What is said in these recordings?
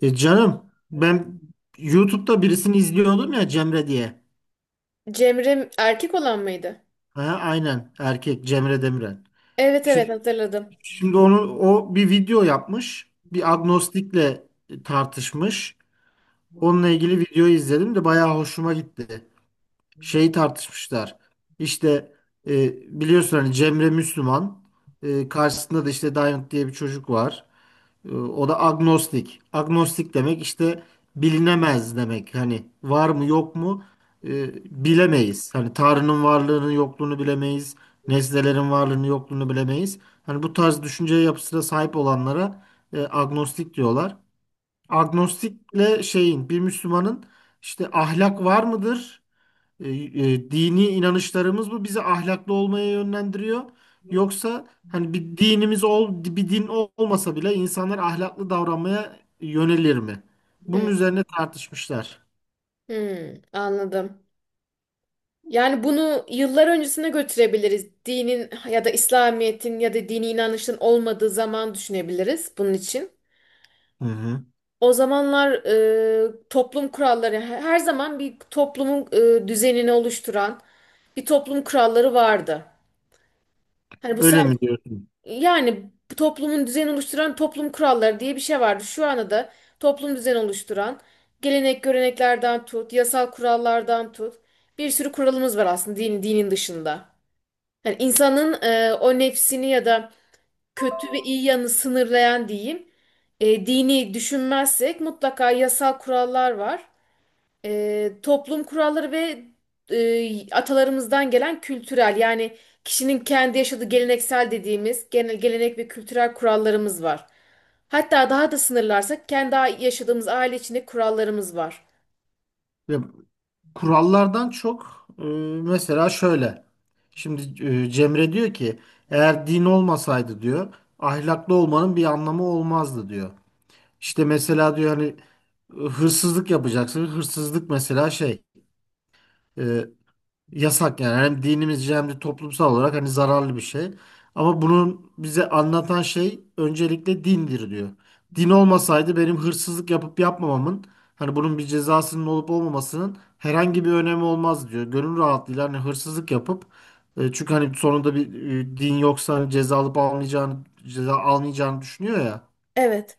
E canım ben YouTube'da birisini izliyordum ya Cemre diye. Cemre erkek olan mıydı? Ha, aynen erkek Cemre Demiren. Evet evet, Şimdi, hatırladım. şimdi, onu o bir video yapmış. Bir agnostikle tartışmış. Onunla ilgili videoyu izledim de bayağı hoşuma gitti. Şeyi tartışmışlar. İşte biliyorsun hani Cemre Müslüman. Karşısında da işte Diamond diye bir çocuk var. O da agnostik. Agnostik demek işte bilinemez demek. Hani var mı yok mu, bilemeyiz. Hani Tanrı'nın varlığını yokluğunu bilemeyiz. Nesnelerin varlığını yokluğunu bilemeyiz. Hani bu tarz düşünce yapısına sahip olanlara agnostik diyorlar. Agnostikle şeyin bir Müslümanın işte ahlak var mıdır? E, Dini inanışlarımız bu bizi ahlaklı olmaya yönlendiriyor. Yoksa hani bir dinimiz ol, bir din olmasa bile insanlar ahlaklı davranmaya yönelir mi? Bunun Hı, üzerine tartışmışlar. hı, anladım. Yani bunu yıllar öncesine götürebiliriz. Dinin ya da İslamiyet'in ya da dini inanışın olmadığı zaman düşünebiliriz bunun için. Hı hı. O zamanlar toplum kuralları her zaman bir toplumun düzenini oluşturan bir toplum kuralları vardı. Hani bu Öyle mi diyorsun? Yani bu toplumun düzen oluşturan toplum kuralları diye bir şey vardı. Şu anda da toplum düzen oluşturan gelenek göreneklerden tut, yasal kurallardan tut. Bir sürü kuralımız var aslında dinin dışında. Yani insanın o nefsini ya da kötü ve iyi yanını sınırlayan diyeyim, dini düşünmezsek mutlaka yasal kurallar var, toplum kuralları ve atalarımızdan gelen kültürel, yani kişinin kendi yaşadığı geleneksel dediğimiz genel gelenek ve kültürel kurallarımız var. Hatta daha da sınırlarsak kendi yaşadığımız aile içinde kurallarımız var. Ya, kurallardan çok, mesela şöyle. Şimdi, Cemre diyor ki eğer din olmasaydı diyor ahlaklı olmanın bir anlamı olmazdı diyor. İşte mesela diyor hani hırsızlık yapacaksın. Hırsızlık mesela şey. e, Yasak yani. Hem dinimizce hem de toplumsal olarak hani zararlı bir şey. Ama bunun bize anlatan şey öncelikle dindir diyor. Din olmasaydı benim hırsızlık yapıp yapmamamın hani bunun bir cezasının olup olmamasının herhangi bir önemi olmaz diyor. Gönül rahatlığıyla hani hırsızlık yapıp, çünkü hani sonunda bir, din yoksa hani ceza almayacağını düşünüyor ya. Evet.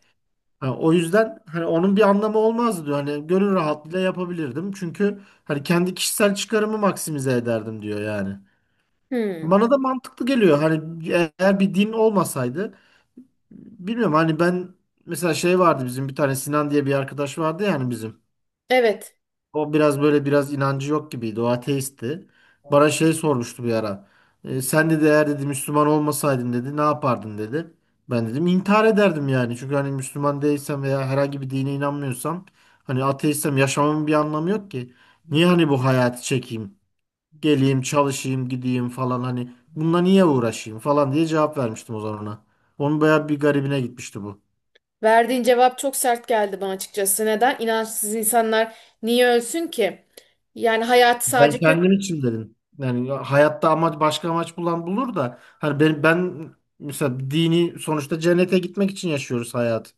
Ha, o yüzden hani onun bir anlamı olmazdı diyor. Hani gönül rahatlığıyla yapabilirdim. Çünkü hani kendi kişisel çıkarımı maksimize ederdim diyor yani. Hmm, Bana da mantıklı geliyor. Hani eğer bir din olmasaydı bilmiyorum hani ben mesela şey vardı bizim bir tane Sinan diye bir arkadaş vardı yani bizim. evet. O biraz böyle biraz inancı yok gibiydi. O ateistti. Bana şey sormuştu bir ara. Sen dedi eğer dedi Müslüman olmasaydın dedi ne yapardın dedi. Ben dedim intihar ederdim yani. Çünkü hani Müslüman değilsem veya herhangi bir dine inanmıyorsam hani ateistsem yaşamamın bir anlamı yok ki. Niye hani bu hayatı çekeyim? Geleyim, çalışayım, gideyim falan hani bununla niye uğraşayım falan diye cevap vermiştim o zaman ona. Onun bayağı bir garibine gitmişti bu. Verdiğin cevap çok sert geldi bana açıkçası. Neden? İnançsız insanlar niye ölsün ki? Yani hayatı sadece Ben kö- kendim için dedim. Yani hayatta amaç başka amaç bulan bulur da hani ben mesela dini sonuçta cennete gitmek için yaşıyoruz hayat.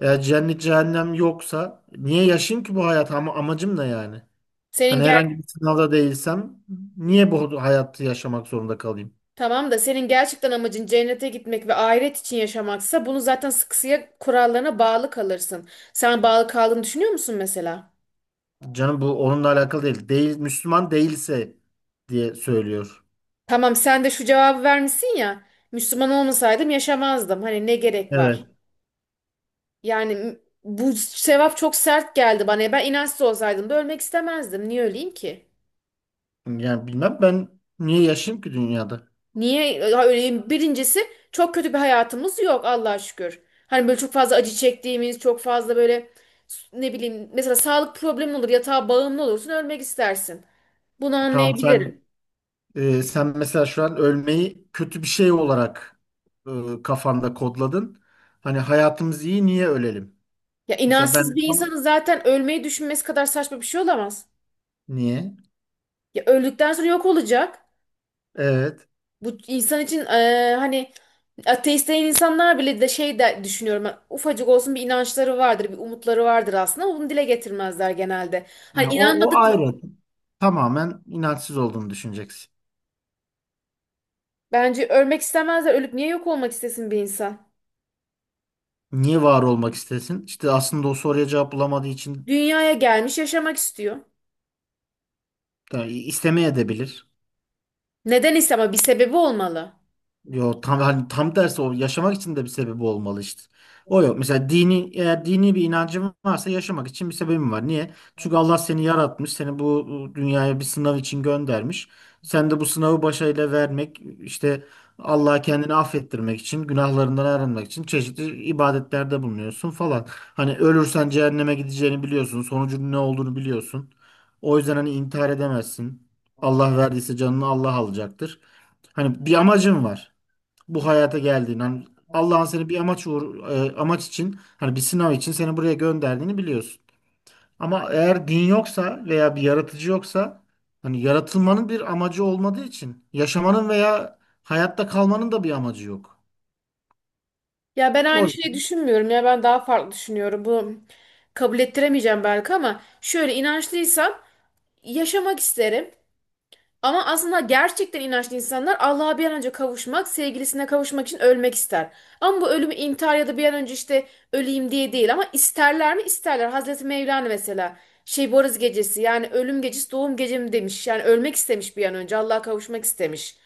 Eğer cennet cehennem yoksa niye yaşayayım ki bu hayat? Ama amacım ne yani? senin Hani herhangi ger bir sınavda değilsem niye bu hayatı yaşamak zorunda kalayım? Tamam da senin gerçekten amacın cennete gitmek ve ahiret için yaşamaksa bunu zaten sıkısıya kurallarına bağlı kalırsın. Sen bağlı kaldığını düşünüyor musun mesela? Canım bu onunla alakalı değil. Değil Müslüman değilse diye söylüyor. Tamam, sen de şu cevabı vermişsin ya. Müslüman olmasaydım yaşamazdım. Hani ne gerek var? Evet. Yani m- Bu sevap çok sert geldi bana. Ben inançsız olsaydım da ölmek istemezdim. Niye öleyim ki? Yani bilmem ben niye yaşayayım ki dünyada? Niye? Birincisi, çok kötü bir hayatımız yok Allah'a şükür. Hani böyle çok fazla acı çektiğimiz, çok fazla böyle ne bileyim, mesela sağlık problemi olur, yatağa bağımlı olursun, ölmek istersin. Bunu Tamam sen anlayabilirim. Sen mesela şu an ölmeyi kötü bir şey olarak kafanda kodladın. Hani hayatımız iyi niye ölelim? Ya, Mesela inançsız ben bir tam insanın zaten ölmeyi düşünmesi kadar saçma bir şey olamaz. niye? Ya öldükten sonra yok olacak. Evet. Bu insan için hani ateist değil insanlar bile de şey de düşünüyorum. Ufacık olsun bir inançları vardır, bir umutları vardır aslında, ama bunu dile getirmezler genelde. Hani Yani o inanmadık ayrı. Tamamen inançsız olduğunu düşüneceksin. Bence ölmek istemezler. Ölüp niye yok olmak istesin bir insan? Niye var olmak istesin? İşte aslında o soruya cevap bulamadığı için Dünyaya gelmiş, yaşamak istiyor. yani istemeye de bilir. Neden ise ama bir sebebi olmalı. Yo tam hani tam tersi o yaşamak için de bir sebebi olmalı işte. O yok. Mesela dini eğer dini bir inancın varsa yaşamak için bir sebebin var. Niye? Çünkü Allah seni yaratmış, seni bu dünyaya bir sınav için göndermiş. Sen de bu sınavı başarıyla vermek, işte Allah'a kendini affettirmek için, günahlarından arınmak için çeşitli ibadetlerde bulunuyorsun falan. Hani ölürsen cehenneme gideceğini biliyorsun, sonucun ne olduğunu biliyorsun. O yüzden hani intihar edemezsin. Allah verdiyse canını Allah alacaktır. Hani bir amacın var bu hayata geldiğini hani Allah'ın seni bir amaç için hani bir sınav için seni buraya gönderdiğini biliyorsun. Ama eğer din yoksa veya bir yaratıcı yoksa hani yaratılmanın bir amacı olmadığı için yaşamanın veya hayatta kalmanın da bir amacı yok. Ya ben O aynı şeyi düşünmüyorum, ya ben daha farklı düşünüyorum. Bu kabul ettiremeyeceğim belki, ama şöyle: inançlıysam yaşamak isterim. Ama aslında gerçekten inançlı insanlar Allah'a bir an önce kavuşmak, sevgilisine kavuşmak için ölmek ister. Ama bu ölümü intihar ya da bir an önce işte öleyim diye değil, ama isterler mi? İsterler. Hazreti Mevlana mesela şey, Boris gecesi, yani ölüm gecesi doğum gecem demiş. Yani ölmek istemiş, bir an önce Allah'a kavuşmak istemiş.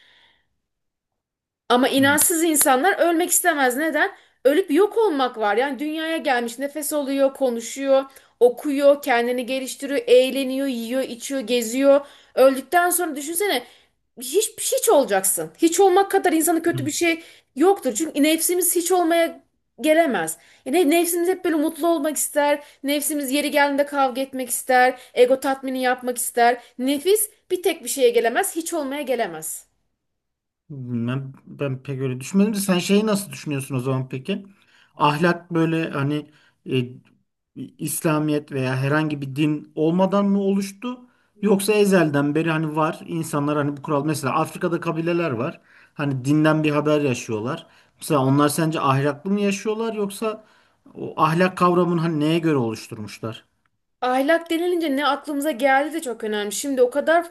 Ama inansız insanlar ölmek istemez. Neden? Ölüp yok olmak var. Yani dünyaya gelmiş, nefes alıyor, konuşuyor, okuyor, kendini geliştiriyor, eğleniyor, yiyor, içiyor, geziyor. Öldükten sonra düşünsene, hiç hiç olacaksın. Hiç olmak kadar insanın kötü bir Hı. şey yoktur. Çünkü nefsimiz hiç olmaya gelemez. Yani nefsimiz hep böyle mutlu olmak ister. Nefsimiz yeri geldiğinde kavga etmek ister. Ego tatmini yapmak ister. Nefis bir tek bir şeye gelemez, hiç olmaya gelemez. Ben pek öyle düşünmedim de sen şeyi nasıl düşünüyorsun o zaman peki? Ahlak böyle hani e, İslamiyet veya herhangi bir din olmadan mı oluştu? Yoksa ezelden beri hani var insanlar hani bu kural mesela Afrika'da kabileler var. Hani dinden bir haber yaşıyorlar. Mesela onlar sence ahlaklı mı yaşıyorlar yoksa o ahlak kavramını hani neye göre oluşturmuşlar? Ahlak denilince ne aklımıza geldi de çok önemli. Şimdi o kadar,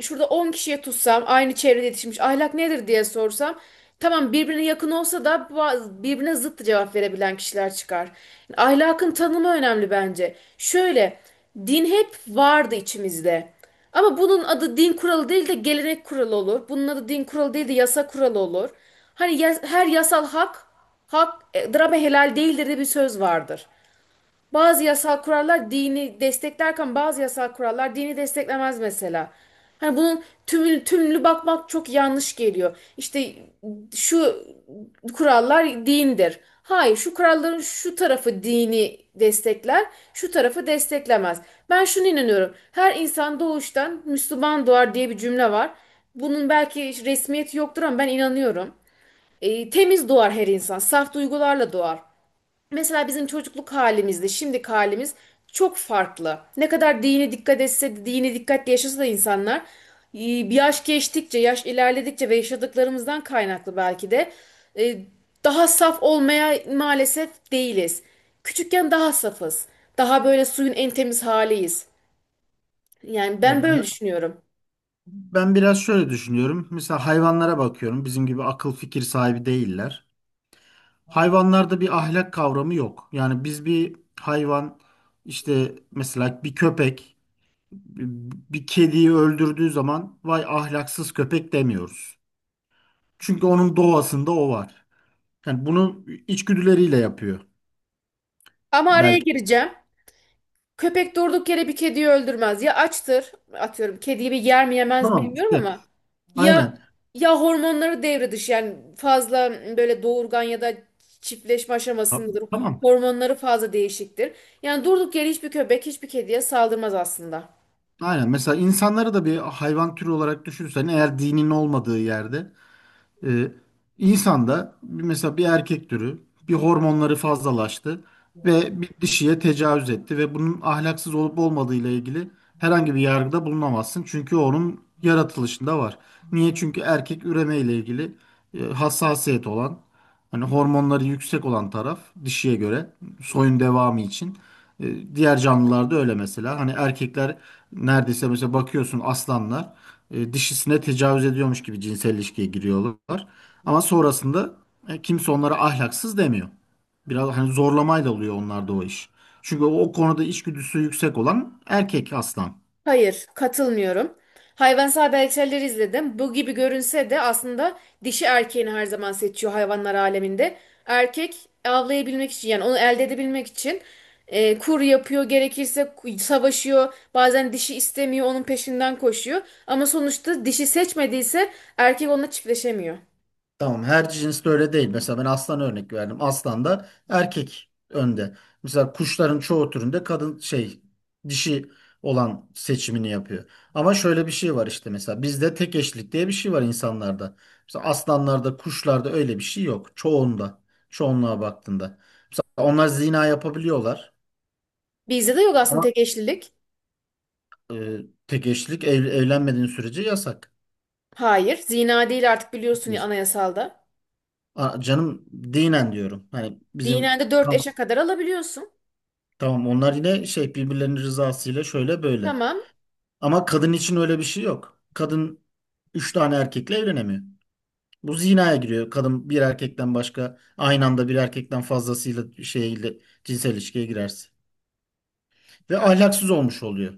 şurada 10 kişiye tutsam, aynı çevrede yetişmiş, ahlak nedir diye sorsam, tamam, birbirine yakın olsa da birbirine zıt cevap verebilen kişiler çıkar. Ahlakın tanımı önemli bence. Şöyle, din hep vardı içimizde. Ama bunun adı din kuralı değil de gelenek kuralı olur. Bunun adı din kuralı değil de yasa kuralı olur. Hani her yasal hak, drama helal değildir de bir söz vardır. Bazı yasal kurallar dini desteklerken bazı yasal kurallar dini desteklemez mesela. Hani bunun tümlü bakmak çok yanlış geliyor. İşte şu kurallar dindir. Hayır, şu kuralların şu tarafı dini destekler, şu tarafı desteklemez. Ben şunu inanıyorum. Her insan doğuştan Müslüman doğar diye bir cümle var. Bunun belki resmiyeti yoktur ama ben inanıyorum. Temiz doğar her insan, saf duygularla doğar. Mesela bizim çocukluk halimizle şimdiki halimiz çok farklı. Ne kadar dini dikkat etse de, dini dikkatle yaşasa da insanlar bir yaş geçtikçe, yaş ilerledikçe ve yaşadıklarımızdan kaynaklı belki de e, daha saf olmaya maalesef değiliz. Küçükken daha safız. Daha böyle suyun en temiz haliyiz. Yani Ya ben böyle ben düşünüyorum. ben biraz şöyle düşünüyorum. Mesela hayvanlara bakıyorum. Bizim gibi akıl fikir sahibi değiller. Hayvanlarda bir ahlak kavramı yok. Yani biz bir hayvan işte mesela bir köpek bir kediyi öldürdüğü zaman vay ahlaksız köpek demiyoruz. Çünkü onun doğasında o var. Yani bunu içgüdüleriyle yapıyor Ama araya belki. gireceğim. Köpek durduk yere bir kediyi öldürmez. Ya açtır, atıyorum, kediyi bir yer mi yemez mi Tamam bilmiyorum, işte ama ya aynen. Hormonları devre dışı, yani fazla böyle doğurgan ya da çiftleşme Ta- aşamasındadır. Tamam. Hormonları fazla değişiktir. Yani durduk yere hiçbir köpek hiçbir kediye saldırmaz aslında. Aynen. Mesela insanları da bir hayvan türü olarak düşünürsen eğer dinin olmadığı yerde Ee, insanda mesela bir erkek türü bir hormonları fazlalaştı ve bir dişiye tecavüz etti ve bunun ahlaksız olup olmadığı ile ilgili herhangi bir yargıda bulunamazsın. Çünkü onun yaratılışında var. Niye? Çünkü erkek üreme ile ilgili hassasiyet olan hani hormonları yüksek olan taraf dişiye göre soyun devamı için. Diğer canlılarda öyle mesela. Hani erkekler neredeyse mesela bakıyorsun aslanlar, dişisine tecavüz ediyormuş gibi cinsel ilişkiye giriyorlar. Ama sonrasında kimse onlara ahlaksız demiyor. Biraz hani zorlamayla oluyor onlarda o iş. Çünkü o konuda içgüdüsü yüksek olan erkek aslan. Hayır, katılmıyorum. Hayvansal belgeselleri izledim. Bu gibi görünse de aslında dişi erkeğini her zaman seçiyor hayvanlar aleminde. Erkek, avlayabilmek için, yani onu elde edebilmek için kur yapıyor, gerekirse savaşıyor. Bazen dişi istemiyor, onun peşinden koşuyor. Ama sonuçta dişi seçmediyse erkek onunla çiftleşemiyor. Tamam her cinste öyle değil. Mesela ben aslan örnek verdim. Aslan da erkek önde. Mesela kuşların çoğu türünde kadın şey dişi olan seçimini yapıyor. Ama şöyle bir şey var işte mesela bizde tek eşlik diye bir şey var insanlarda. Mesela aslanlarda, kuşlarda öyle bir şey yok. Çoğunda, çoğunluğa baktığında. Mesela onlar zina yapabiliyorlar Bizde de yok aslında ama tek eşlilik. e, tek eşlik evlenmediğin sürece yasak. Hayır, zina değil artık, biliyorsun ya, anayasalda. Aa, canım dinen diyorum. Hani Dinen bizim de 4 eşe kadar alabiliyorsun. Tamam onlar yine şey birbirlerinin rızasıyla şöyle böyle. Tamam. Ama kadın için öyle bir şey yok. Kadın üç tane erkekle evlenemiyor. Bu zinaya giriyor. Kadın bir erkekten başka aynı anda bir erkekten fazlasıyla şeyle cinsel ilişkiye girerse. Ve ahlaksız olmuş oluyor.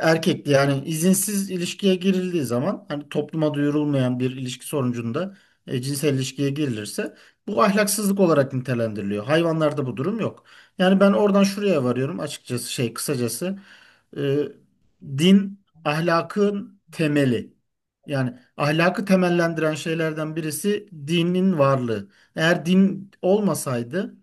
Erkekli yani izinsiz ilişkiye girildiği zaman hani topluma duyurulmayan bir ilişki sonucunda cinsel ilişkiye girilirse bu ahlaksızlık olarak nitelendiriliyor. Hayvanlarda bu durum yok. Yani ben oradan şuraya varıyorum açıkçası şey kısacası e, din ahlakın temeli. Yani ahlakı temellendiren şeylerden birisi dinin varlığı. Eğer din olmasaydı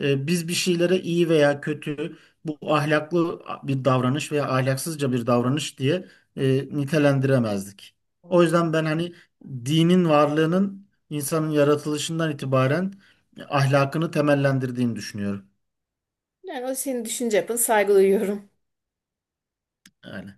biz bir şeylere iyi veya kötü bu ahlaklı bir davranış veya ahlaksızca bir davranış diye nitelendiremezdik. O yüzden ben hani dinin varlığının insanın yaratılışından itibaren ahlakını temellendirdiğini düşünüyorum. Yani o senin düşünce yapın, saygı duyuyorum. Yani.